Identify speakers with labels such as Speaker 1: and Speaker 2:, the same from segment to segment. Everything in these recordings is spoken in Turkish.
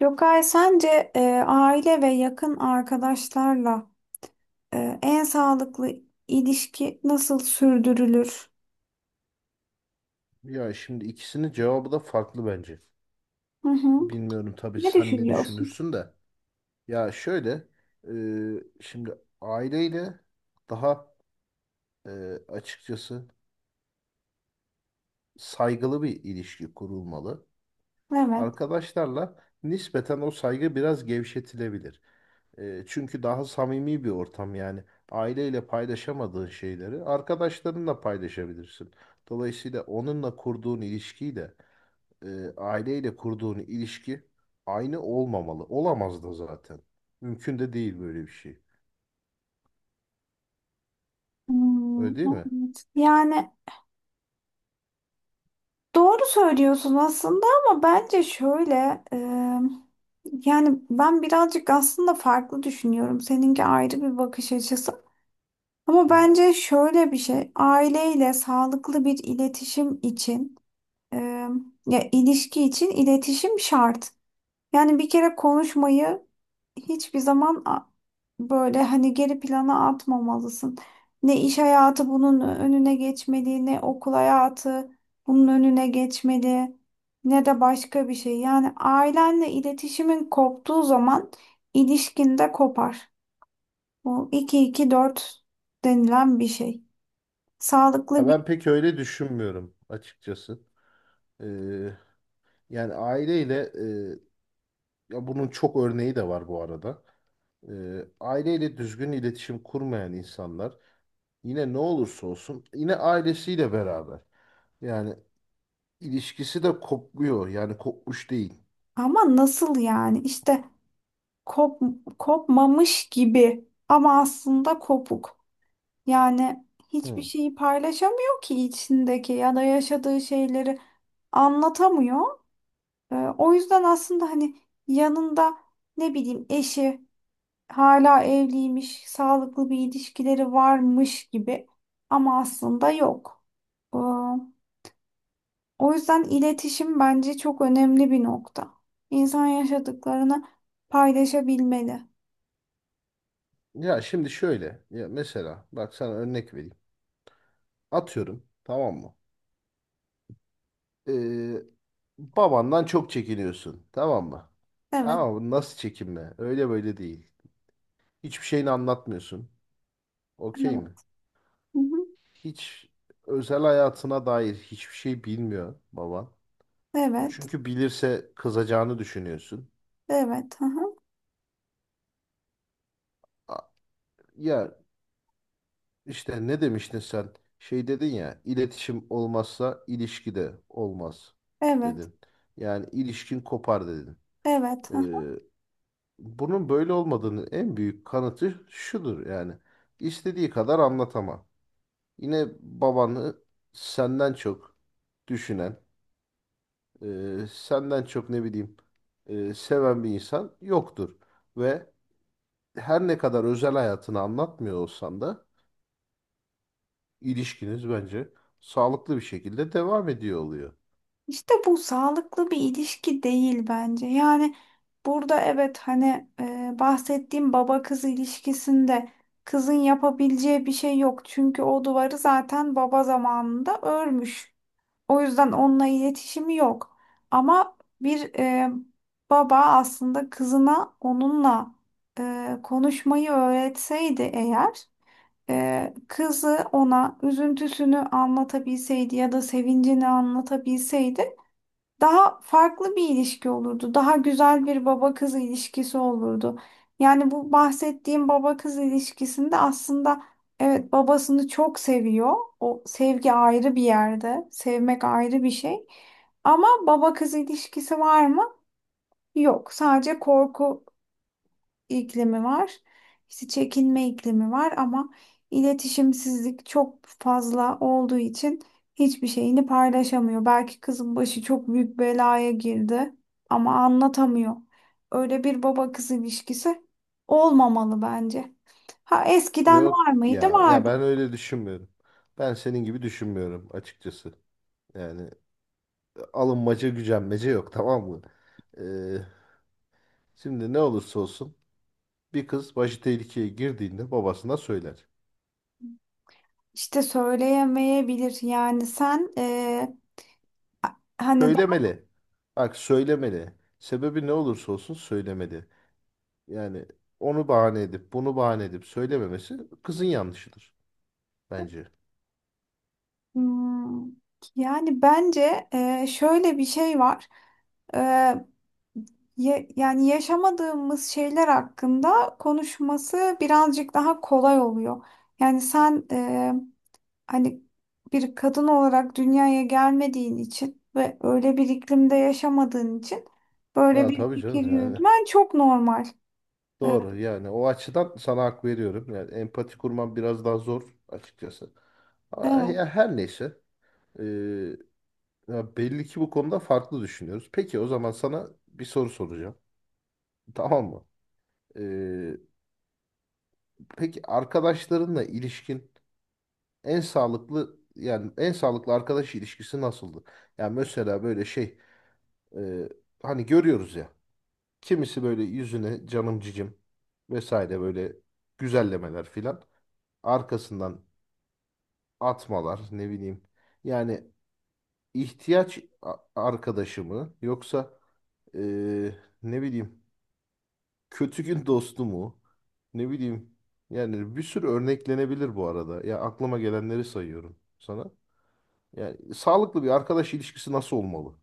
Speaker 1: Gökay, sence aile ve yakın arkadaşlarla en sağlıklı ilişki nasıl sürdürülür?
Speaker 2: Ya şimdi ikisinin cevabı da farklı bence.
Speaker 1: Hı hı.
Speaker 2: Bilmiyorum tabii
Speaker 1: Ne
Speaker 2: sen ne
Speaker 1: düşünüyorsun?
Speaker 2: düşünürsün de. Ya şöyle, şimdi aileyle daha e, açıkçası saygılı bir ilişki kurulmalı.
Speaker 1: Evet.
Speaker 2: Arkadaşlarla nispeten o saygı biraz gevşetilebilir. Çünkü daha samimi bir ortam yani. Aileyle paylaşamadığın şeyleri arkadaşlarınla paylaşabilirsin. Dolayısıyla onunla kurduğun ilişkiyi de aileyle kurduğun ilişki aynı olmamalı. Olamaz da zaten. Mümkün de değil böyle bir şey.
Speaker 1: Hmm,
Speaker 2: Öyle değil mi?
Speaker 1: evet. Yani doğru söylüyorsun aslında, ama bence şöyle e, yani ben birazcık aslında farklı düşünüyorum. Seninki ayrı bir bakış açısı. Ama
Speaker 2: Hı.
Speaker 1: bence şöyle bir şey, aileyle sağlıklı bir iletişim için Ee, ya ilişki için iletişim şart. Yani bir kere konuşmayı hiçbir zaman böyle hani geri plana atmamalısın. Ne iş hayatı bunun önüne geçmeli, ne okul hayatı bunun önüne geçmeli, ne de başka bir şey. Yani ailenle iletişimin koptuğu zaman ilişkin de kopar. Bu iki iki dört denilen bir şey.
Speaker 2: Ya
Speaker 1: Sağlıklı bir
Speaker 2: ben pek öyle düşünmüyorum açıkçası. E, yani aileyle e, ya bunun çok örneği de var bu arada. Aileyle düzgün iletişim kurmayan insanlar yine ne olursa olsun yine ailesiyle beraber. Yani ilişkisi de kopmuyor. Yani kopmuş değil.
Speaker 1: ama nasıl yani? İşte Kop, kopmamış gibi ama aslında kopuk. Yani hiçbir
Speaker 2: Hı.
Speaker 1: şeyi paylaşamıyor ki, içindeki ya da yaşadığı şeyleri anlatamıyor. O yüzden aslında hani yanında ne bileyim eşi hala evliymiş, sağlıklı bir ilişkileri varmış gibi ama aslında yok. Ee, o yüzden iletişim bence çok önemli bir nokta. İnsan yaşadıklarını paylaşabilmeli.
Speaker 2: Ya şimdi şöyle. Ya mesela bak sana örnek vereyim. Atıyorum. Tamam mı? Ee, babandan çok çekiniyorsun. Tamam mı?
Speaker 1: Evet.
Speaker 2: Ama bu nasıl çekinme? Öyle böyle değil. Hiçbir şeyini anlatmıyorsun. Okey mi?
Speaker 1: Evet. Hı hı.
Speaker 2: Hiç özel hayatına dair hiçbir şey bilmiyor baban.
Speaker 1: Evet,
Speaker 2: Çünkü bilirse kızacağını düşünüyorsun.
Speaker 1: evet, hı hı,
Speaker 2: A- Ya işte ne demiştin sen? Şey dedin ya, iletişim olmazsa ilişki de olmaz
Speaker 1: evet,
Speaker 2: dedin. Yani ilişkin kopar dedin.
Speaker 1: evet, hı hı.
Speaker 2: Ee, Bunun böyle olmadığını en büyük kanıtı şudur yani. İstediği kadar anlatama. Yine babanı senden çok düşünen, senden çok ne bileyim seven bir insan yoktur. Ve her ne kadar özel hayatını anlatmıyor olsan da ilişkiniz bence sağlıklı bir şekilde devam ediyor oluyor.
Speaker 1: İşte bu sağlıklı bir ilişki değil bence. Yani burada, evet hani, bahsettiğim baba kız ilişkisinde kızın yapabileceği bir şey yok. Çünkü o duvarı zaten baba zamanında örmüş. O yüzden onunla iletişimi yok. Ama bir baba aslında kızına onunla konuşmayı öğretseydi eğer kızı ona üzüntüsünü anlatabilseydi ya da sevincini anlatabilseydi daha farklı bir ilişki olurdu. Daha güzel bir baba kız ilişkisi olurdu. Yani bu bahsettiğim baba kız ilişkisinde aslında evet babasını çok seviyor. O sevgi ayrı bir yerde. Sevmek ayrı bir şey. Ama baba kız ilişkisi var mı? Yok. Sadece korku iklimi var. İşte çekinme iklimi var ama iletişimsizlik çok fazla olduğu için hiçbir şeyini paylaşamıyor. Belki kızın başı çok büyük belaya girdi ama anlatamıyor. Öyle bir baba kız ilişkisi olmamalı bence. Ha, eskiden var
Speaker 2: Yok
Speaker 1: mıydı?
Speaker 2: ya ya
Speaker 1: Vardı.
Speaker 2: ben öyle düşünmüyorum. Ben senin gibi düşünmüyorum açıkçası. Yani alınmaca gücenmece yok, tamam mı? Ee, şimdi ne olursa olsun bir kız başı tehlikeye girdiğinde babasına söyler.
Speaker 1: İşte söyleyemeyebilir. Yani sen hani
Speaker 2: Söylemeli. Bak söylemeli. Sebebi ne olursa olsun söylemeli. Yani onu bahane edip bunu bahane edip söylememesi kızın yanlışıdır bence.
Speaker 1: Hmm, yani bence şöyle bir şey var. E, yani yaşamadığımız şeyler hakkında konuşması birazcık daha kolay oluyor. Yani sen hani bir kadın olarak dünyaya gelmediğin için ve öyle bir iklimde yaşamadığın için böyle
Speaker 2: Aa,
Speaker 1: bir
Speaker 2: tabii
Speaker 1: fikir
Speaker 2: canım yani.
Speaker 1: yürütmen çok normal. E,
Speaker 2: Doğru, yani o açıdan sana hak veriyorum. Yani empati kurman biraz daha zor açıkçası. Ama
Speaker 1: Evet.
Speaker 2: ya her neyse. ee, Ya belli ki bu konuda farklı düşünüyoruz. Peki o zaman sana bir soru soracağım. Tamam mı? Ee, peki arkadaşlarınla ilişkin en sağlıklı, yani en sağlıklı arkadaş ilişkisi nasıldı? Yani mesela böyle şey e, hani görüyoruz ya, kimisi böyle yüzüne canım cicim vesaire böyle güzellemeler filan arkasından atmalar ne bileyim. Yani arkadaşı mı, yoksa e, ne bileyim kötü gün dostu mu? Ne bileyim. Yani bir sürü örneklenebilir bu arada. Ya aklıma gelenleri sayıyorum sana. Yani sağlıklı bir arkadaş ilişkisi nasıl olmalı?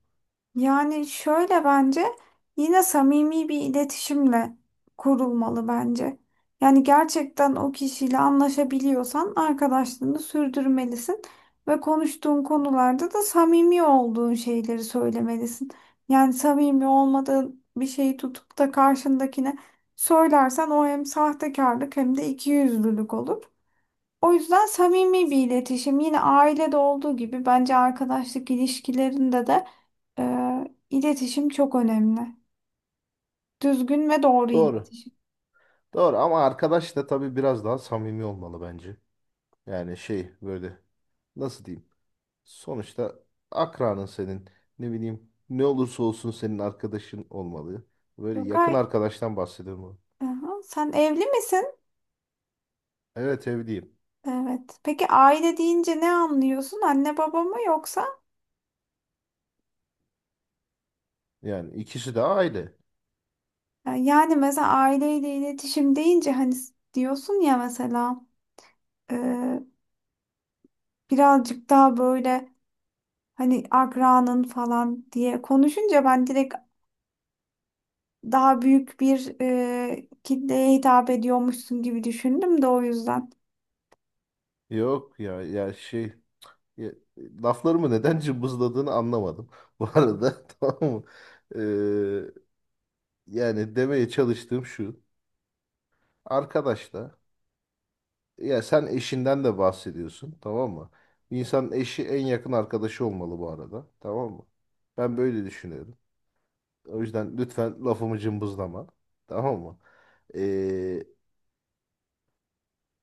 Speaker 1: Yani şöyle, bence yine samimi bir iletişimle kurulmalı bence. Yani gerçekten o kişiyle anlaşabiliyorsan arkadaşlığını sürdürmelisin ve konuştuğun konularda da samimi olduğun şeyleri söylemelisin. Yani samimi olmadığın bir şeyi tutup da karşındakine söylersen o hem sahtekarlık hem de ikiyüzlülük olur. O yüzden samimi bir iletişim yine ailede olduğu gibi bence arkadaşlık ilişkilerinde de e, iletişim çok önemli. Düzgün ve doğru
Speaker 2: Doğru.
Speaker 1: iletişim.
Speaker 2: Doğru ama arkadaş da tabii biraz daha samimi olmalı bence. Yani şey böyle, nasıl diyeyim? Sonuçta akranın senin, ne bileyim, ne olursa olsun senin arkadaşın olmalı. Böyle yakın
Speaker 1: Gökay,
Speaker 2: arkadaştan bahsediyorum.
Speaker 1: aha, sen evli misin?
Speaker 2: Evet evliyim.
Speaker 1: Evet. Peki, aile deyince ne anlıyorsun? Anne baba mı, yoksa?
Speaker 2: Yani ikisi de aile.
Speaker 1: Yani mesela aileyle iletişim deyince hani diyorsun ya mesela e, birazcık daha böyle hani akranın falan diye konuşunca ben direkt daha büyük bir kitleye hitap ediyormuşsun gibi düşündüm de o yüzden.
Speaker 2: Yok ya ya şey Ya, Laflarımı neden cımbızladığını anlamadım. Bu arada tamam mı? Ee, yani demeye çalıştığım şu. Arkadaş da, ya sen eşinden de bahsediyorsun, tamam mı? Bir İnsanın eşi en yakın arkadaşı olmalı bu arada. Tamam mı? Ben böyle düşünüyorum. O yüzden lütfen lafımı cımbızlama. Tamam mı? Ee,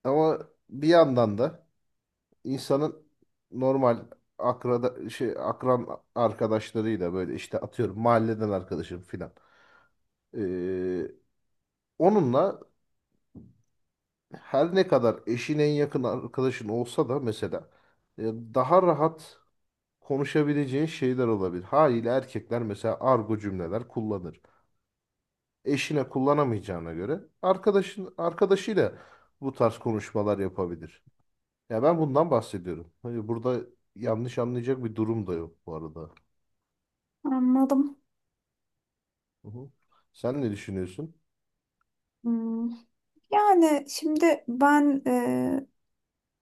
Speaker 2: ama bir yandan da insanın normal akrada şey akran arkadaşlarıyla böyle işte atıyorum mahalleden arkadaşım filan. Ee, onunla her ne kadar eşin en yakın arkadaşın olsa da mesela daha rahat konuşabileceğin şeyler olabilir. Haliyle erkekler mesela argo cümleler kullanır. Eşine kullanamayacağına göre arkadaşıyla bu tarz konuşmalar yapabilir. Ya ben bundan bahsediyorum. Hani burada yanlış anlayacak bir durum da yok bu arada.
Speaker 1: Anladım.
Speaker 2: Hı hı. Sen ne düşünüyorsun?
Speaker 1: Hmm. Yani şimdi ben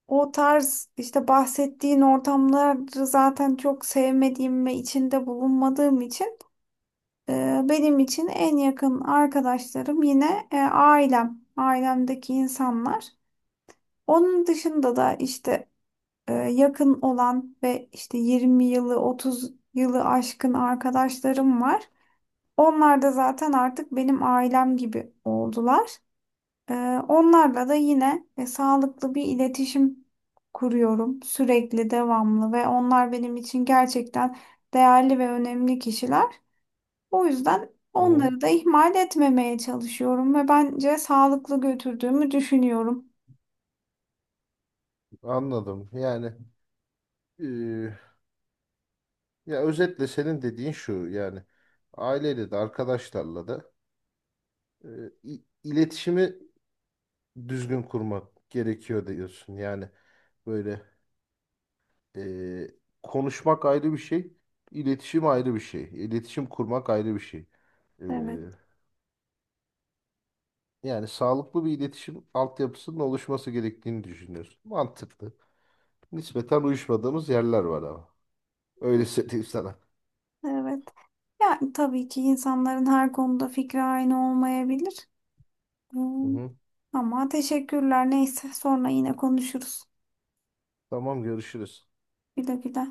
Speaker 1: o tarz işte bahsettiğin ortamları zaten çok sevmediğim ve içinde bulunmadığım için benim için en yakın arkadaşlarım yine ailem, ailemdeki insanlar. Onun dışında da işte yakın olan ve işte 20 yılı 30 yılı aşkın arkadaşlarım var. Onlar da zaten artık benim ailem gibi oldular. Ee, onlarla da yine sağlıklı bir iletişim kuruyorum sürekli, devamlı ve onlar benim için gerçekten değerli ve önemli kişiler. O yüzden
Speaker 2: Hı hı.
Speaker 1: onları da ihmal etmemeye çalışıyorum ve bence sağlıklı götürdüğümü düşünüyorum.
Speaker 2: Anladım. Yani, ya özetle senin dediğin şu, yani aileyle de arkadaşlarla da e, iletişimi düzgün kurmak gerekiyor diyorsun. Yani böyle, e, konuşmak ayrı bir şey, iletişim ayrı bir şey, iletişim kurmak ayrı bir şey. E,
Speaker 1: Evet,
Speaker 2: yani sağlıklı bir iletişim altyapısının oluşması gerektiğini düşünüyorsun. Mantıklı. Nispeten uyuşmadığımız yerler var ama. Öyle söyleyeyim sana.
Speaker 1: evet. Yani tabii ki insanların her konuda fikri aynı olmayabilir.
Speaker 2: Hı
Speaker 1: Hmm,
Speaker 2: hı.
Speaker 1: ama teşekkürler. Neyse, sonra yine konuşuruz.
Speaker 2: Tamam görüşürüz.
Speaker 1: Güle güle.